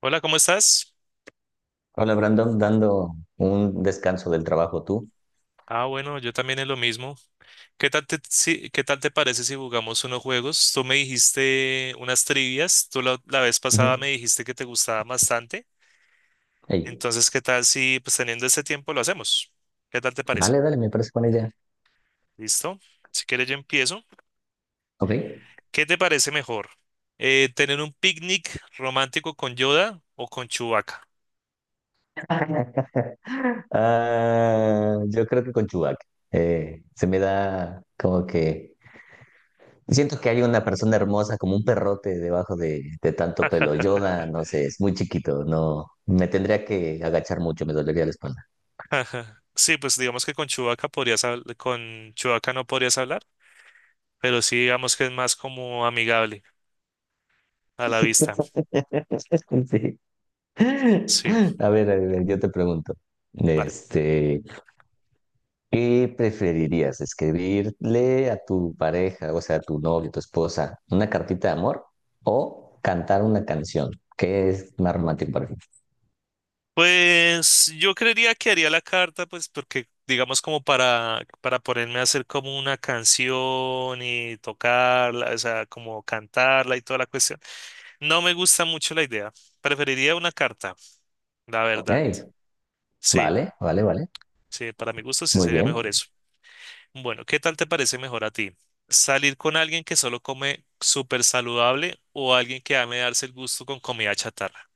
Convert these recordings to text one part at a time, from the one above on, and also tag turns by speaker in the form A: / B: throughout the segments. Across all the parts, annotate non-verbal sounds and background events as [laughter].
A: Hola, ¿cómo estás?
B: Hola Brandon, dando un descanso del trabajo tú.
A: Ah, bueno, yo también es lo mismo. ¿Qué tal te parece si jugamos unos juegos? Tú me dijiste unas trivias, tú la vez pasada me
B: Ujú.
A: dijiste que te gustaba bastante.
B: Ey,
A: Entonces, ¿qué tal si pues teniendo este tiempo lo hacemos? ¿Qué tal te parece?
B: vale, dale, me parece buena idea.
A: ¿Listo? Si quieres yo empiezo.
B: Ok.
A: ¿Qué te parece mejor? ¿Tener un picnic romántico con Yoda o con Chewbacca?
B: [laughs] Ah, yo creo que con Chubac. Se me da como que siento que hay una persona hermosa como un perrote debajo de tanto pelo. Yoda,
A: [laughs]
B: no sé, es muy chiquito, no me tendría que agachar mucho, me dolería la espalda.
A: Sí, pues digamos que con con Chewbacca no podrías hablar, pero sí digamos que es más como amigable a la vista.
B: [laughs] Sí.
A: Sí,
B: A ver, yo te pregunto.
A: vale.
B: Este, ¿Qué preferirías? ¿Escribirle a tu pareja, o sea, a tu novio, tu esposa, una cartita de amor o cantar una canción? ¿Qué es más romántico para ti?
A: Pues yo creería que haría la carta, pues porque digamos como para ponerme a hacer como una canción y tocarla, o sea, como cantarla y toda la cuestión. No me gusta mucho la idea. Preferiría una carta, la
B: Ok,
A: verdad. Sí,
B: vale, vale, vale.
A: sí, para mi gusto sí
B: Muy
A: sería mejor
B: bien.
A: eso. Bueno, ¿qué tal te parece mejor a ti? ¿Salir con alguien que solo come súper saludable o alguien que ame darse el gusto con comida chatarra?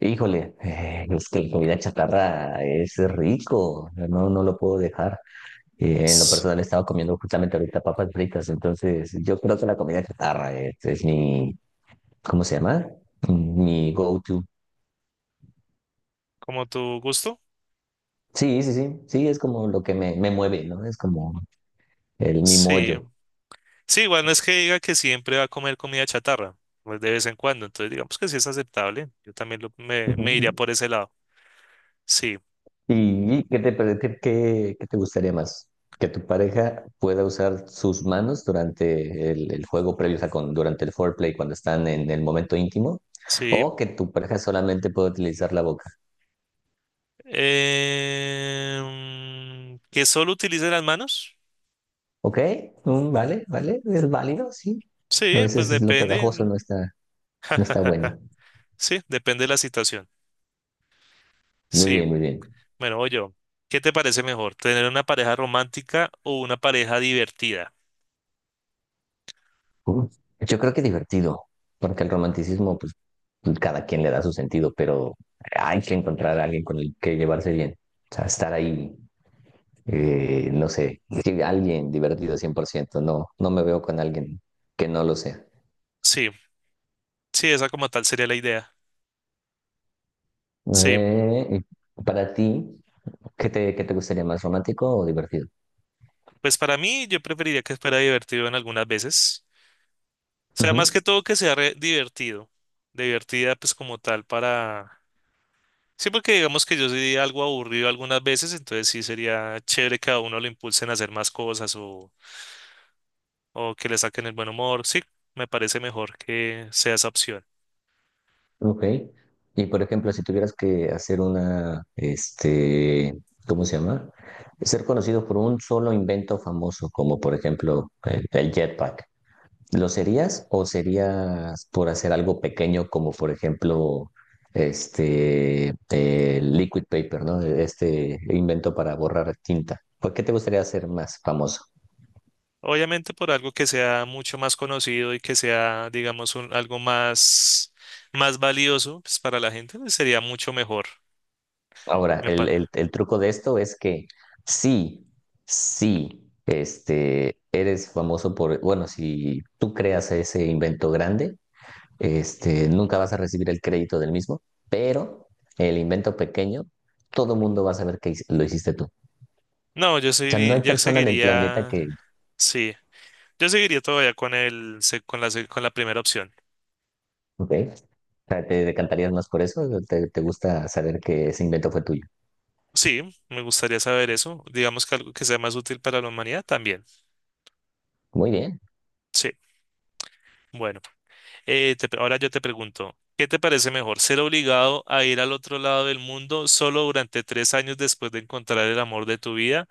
B: Híjole, es que la comida chatarra es rico, no, no lo puedo dejar. En lo
A: S-
B: personal he estado comiendo justamente ahorita papas fritas, entonces yo creo que la comida chatarra es mi, ¿cómo se llama? Mi go-to.
A: ¿Como tu gusto?
B: Sí, sí, sí, sí, es como lo que me mueve, ¿no? Es como el mi
A: Sí.
B: mollo.
A: Sí, igual no es que diga que siempre va a comer comida chatarra, pues de vez en cuando, entonces digamos que sí es aceptable. Yo también lo- me,
B: Ujú,
A: me
B: ujú.
A: iría por ese lado. Sí,
B: Y qué te, qué, qué te gustaría más? ¿Que tu pareja pueda usar sus manos durante el juego previo, o sea, durante el foreplay, cuando están en el momento íntimo?
A: sí.
B: ¿O que tu pareja solamente pueda utilizar la boca?
A: ¿Que solo utilice las manos?
B: ¿Ok? Mm, vale, vale, es válido, sí. A
A: Sí, pues
B: veces lo pegajoso
A: depende.
B: no está, no está
A: [laughs]
B: bueno.
A: Sí, depende de la situación.
B: Muy
A: Sí,
B: bien, muy bien.
A: bueno, oye, ¿qué te parece mejor? ¿Tener una pareja romántica o una pareja divertida?
B: Uh, Yo creo que divertido, porque el romanticismo, pues pues, cada quien le da su sentido, pero hay que encontrar a alguien con el que llevarse bien. O sea, estar ahí, no sé, sí, alguien divertido 100% no, no me veo con alguien que no lo sea.
A: Sí, sí, esa como tal sería la idea. Sí,
B: Eh, y para ti, qué te gustaría más, romántico o divertido?
A: pues para mí yo preferiría que fuera divertido en algunas veces. O sea, más que todo que sea divertido. Divertida pues como tal para. Sí, porque digamos que yo soy algo aburrido algunas veces, entonces sí sería chévere que a uno lo impulsen a hacer más cosas o que le saquen el buen humor. Sí, me parece mejor que sea esa opción.
B: Ok. Y por ejemplo, si tuvieras que hacer una, ¿cómo se llama? Ser conocido por un solo invento famoso, como por ejemplo el jetpack, ¿lo serías o serías por hacer algo pequeño, como por ejemplo el liquid paper, ¿no? Este invento para borrar tinta. ¿Por qué te gustaría ser más famoso?
A: Obviamente por algo que sea mucho más conocido y que sea, digamos, algo más valioso pues, para la gente, pues, sería mucho mejor.
B: Ahora,
A: Me
B: el,
A: para.
B: el truco de esto es que sí, sí, eres famoso por, bueno, si tú creas ese invento grande, nunca vas a recibir el crédito del mismo, pero el invento pequeño, todo mundo va a saber que lo hiciste tú. O
A: No,
B: sea, no hay persona en el planeta que,
A: sí, yo seguiría todavía con el, se- con la primera opción.
B: ok, o sea, ¿te decantarías más por eso? ¿Te, te gusta saber que ese invento fue tuyo?
A: Sí, me gustaría saber eso. Digamos que algo que sea más útil para la humanidad también.
B: Muy bien.
A: Sí, bueno. Te Ahora yo te pregunto, ¿qué te parece mejor? ¿Ser obligado a ir al otro lado del mundo solo durante 3 años después de encontrar el amor de tu vida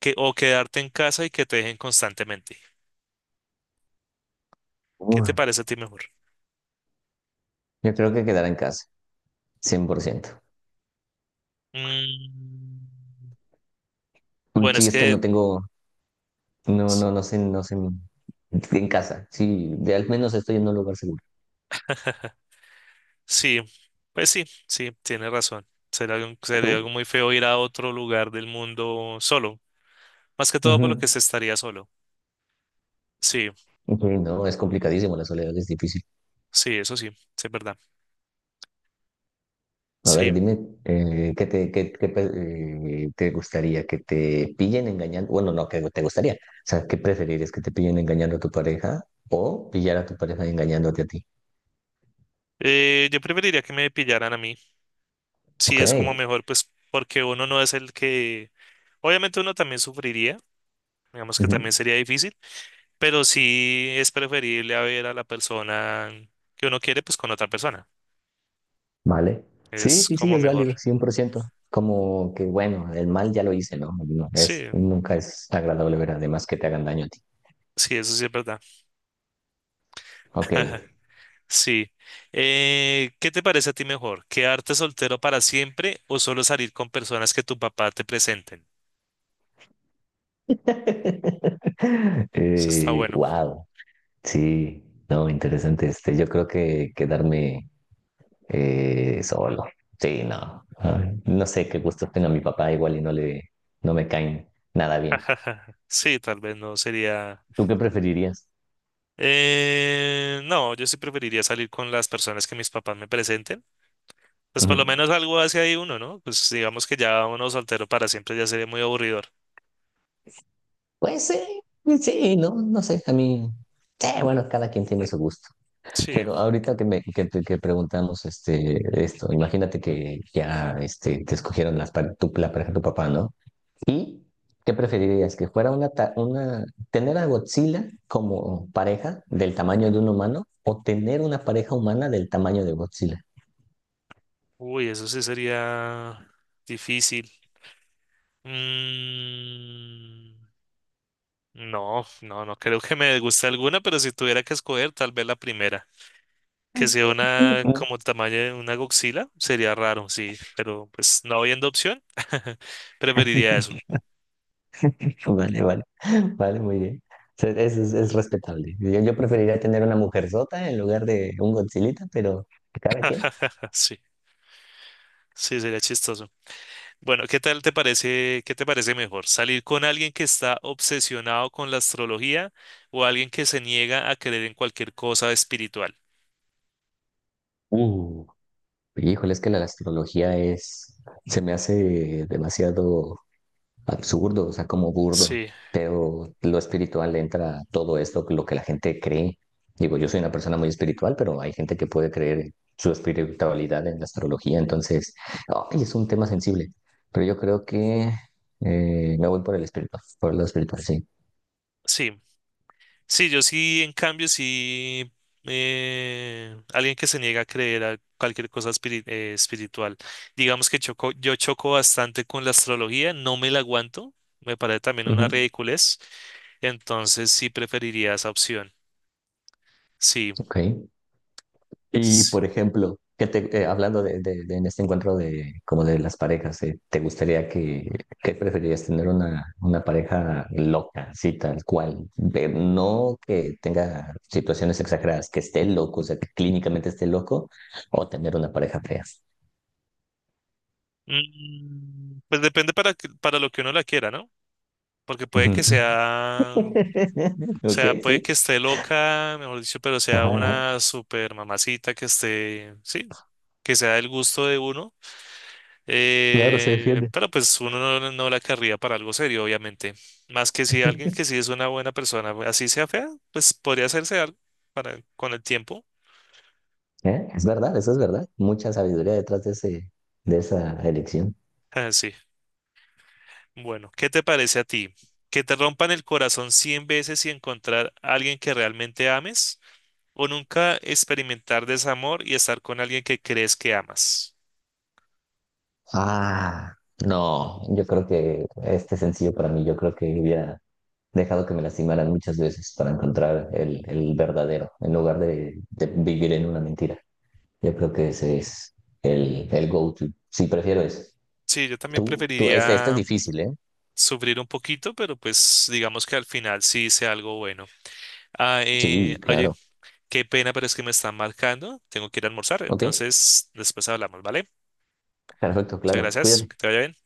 A: que, o quedarte en casa y que te dejen constantemente? ¿Qué
B: Uy,
A: te parece a ti mejor?
B: yo creo que quedará en casa, 100%.
A: Mm, bueno,
B: Sí,
A: es
B: es que no
A: que
B: tengo, no,
A: s-
B: no, no sé, no sé. En casa, sí, de al menos estoy en un lugar seguro.
A: sí, pues sí, sí, tienes razón. Sería algo
B: ¿Tú?
A: muy feo ir a otro lugar del mundo solo, más que todo por lo que
B: Ujú.
A: se estaría solo. Sí,
B: Ujú, no, es complicadísimo, la soledad es difícil.
A: sí, eso sí es verdad.
B: A ver,
A: Sí,
B: dime, ¿qué te, qué, te gustaría? ¿Que te pillen engañando? Bueno, no, que te gustaría. O sea, ¿qué preferirías? ¿Que te pillen engañando a tu pareja o pillar a tu pareja engañándote a ti?
A: Yo preferiría que me pillaran a mí. Sí es como
B: Ok.
A: mejor, pues porque uno no es el que, obviamente uno también sufriría, digamos que
B: Ujú.
A: también sería difícil, pero sí es preferible a ver a la persona que uno quiere, pues con otra persona.
B: Vale. Sí,
A: Es
B: sí, sí,
A: como
B: es
A: mejor.
B: válido, 100%. Como que, bueno, el mal ya lo hice, ¿no? No, es,
A: Sí,
B: nunca es agradable ver además que te hagan daño. A ti.
A: sí, eso sí es verdad.
B: Ok.
A: [laughs] Sí. ¿Qué te parece a ti mejor? ¿Quedarte soltero para siempre o solo salir con personas que tu papá te presenten?
B: [laughs]
A: Eso está bueno.
B: Wow. Sí, no, interesante. Yo creo que quedarme solo. Sí, no. Ay, no sé qué gustos tenga mi papá, igual y no le, no me caen nada bien.
A: [laughs] Sí, tal vez no sería.
B: ¿Tú qué preferirías?
A: No, yo sí preferiría salir con las personas que mis papás me presenten. Pues por lo
B: Ujú.
A: menos algo hace ahí uno, ¿no? Pues digamos que ya uno soltero para siempre ya sería muy aburridor.
B: Pues sí, sí, no, no sé. A mí, sí, bueno, cada quien tiene su gusto.
A: Sí.
B: Pero ahorita que me que, que preguntamos esto, imagínate que ya te escogieron las, tu, la pareja de tu papá, ¿no? ¿Y qué preferirías? ¿Que fuera una, una, tener a Godzilla como pareja del tamaño de un humano o tener una pareja humana del tamaño de Godzilla?
A: Uy, eso sí sería difícil. Mm, no, no, no creo que me guste alguna, pero si tuviera que escoger, tal vez la primera. Que sea una
B: Ujú.
A: como tamaño de una goxila, sería raro, sí, pero pues no habiendo opción, [laughs] preferiría eso.
B: [laughs] Vale, vale, vale, muy bien. O sea, es, es respetable. Yo preferiría tener una mujer sota en lugar de un Godzillita, pero cada quien.
A: Ah, sí, sí, sería chistoso. Bueno, ¿ qué te parece mejor? ¿Salir con alguien que está obsesionado con la astrología o alguien que se niega a creer en cualquier cosa espiritual?
B: Uh, híjole, es que la astrología es, se me hace demasiado absurdo, o sea, como burdo,
A: Sí,
B: pero lo espiritual entra a todo esto, lo que la gente cree. Digo, yo soy una persona muy espiritual, pero hay gente que puede creer su espiritualidad en la astrología, entonces, ay, es un tema sensible, pero yo creo que me voy por el espiritual, por lo espiritual, sí.
A: sí, sí, yo sí, en cambio, sí, alguien que se niega a creer a cualquier cosa espiritual. Digamos que choco, yo choco bastante con la astrología, no me la aguanto, me parece también una
B: Ujú.
A: ridiculez, entonces sí preferiría esa opción. Sí.
B: Ok. Y,
A: Sí.
B: por ejemplo, que te, hablando de, en este encuentro de, como de las parejas, ¿te gustaría que, qué preferirías tener una pareja loca, así tal cual? No que tenga situaciones exageradas, que esté loco, o sea, que clínicamente esté loco, o tener una pareja fea.
A: Pues depende para lo que uno la quiera, ¿no? Porque puede
B: Ujú.
A: que sea, o
B: [laughs] Ok,
A: sea, puede
B: sí.
A: que esté loca, mejor dicho, pero sea
B: Ajá, ajá.
A: una super mamacita que esté, sí, que sea del gusto de uno.
B: Claro, se defiende.
A: Pero pues uno no la querría para algo serio, obviamente. Más que si alguien que
B: [laughs]
A: sí es una buena persona, así sea fea, pues podría hacerse algo para, con el tiempo.
B: ¿Eh? Es verdad, eso es verdad. Mucha sabiduría detrás de ese, de esa elección.
A: Ah, sí. Bueno, ¿qué te parece a ti? ¿Que te rompan el corazón 100 veces y encontrar a alguien que realmente ames? ¿O nunca experimentar desamor y estar con alguien que crees que amas?
B: Ah, no, yo creo que este sencillo para mí, yo creo que hubiera dejado que me lastimaran muchas veces para encontrar el verdadero, en lugar de vivir en una mentira. Yo creo que ese es el go-to. Sí, prefiero ese.
A: Sí, yo también
B: Tú, este es
A: preferiría
B: difícil, ¿eh?
A: sufrir un poquito, pero pues digamos que al final sí hice algo bueno. Ah,
B: Sí,
A: oye,
B: claro.
A: qué pena, pero es que me están marcando. Tengo que ir a almorzar,
B: Ok,
A: entonces después hablamos, ¿vale?
B: perfecto,
A: Muchas
B: claro.
A: gracias, que
B: Cuídate.
A: te vaya bien.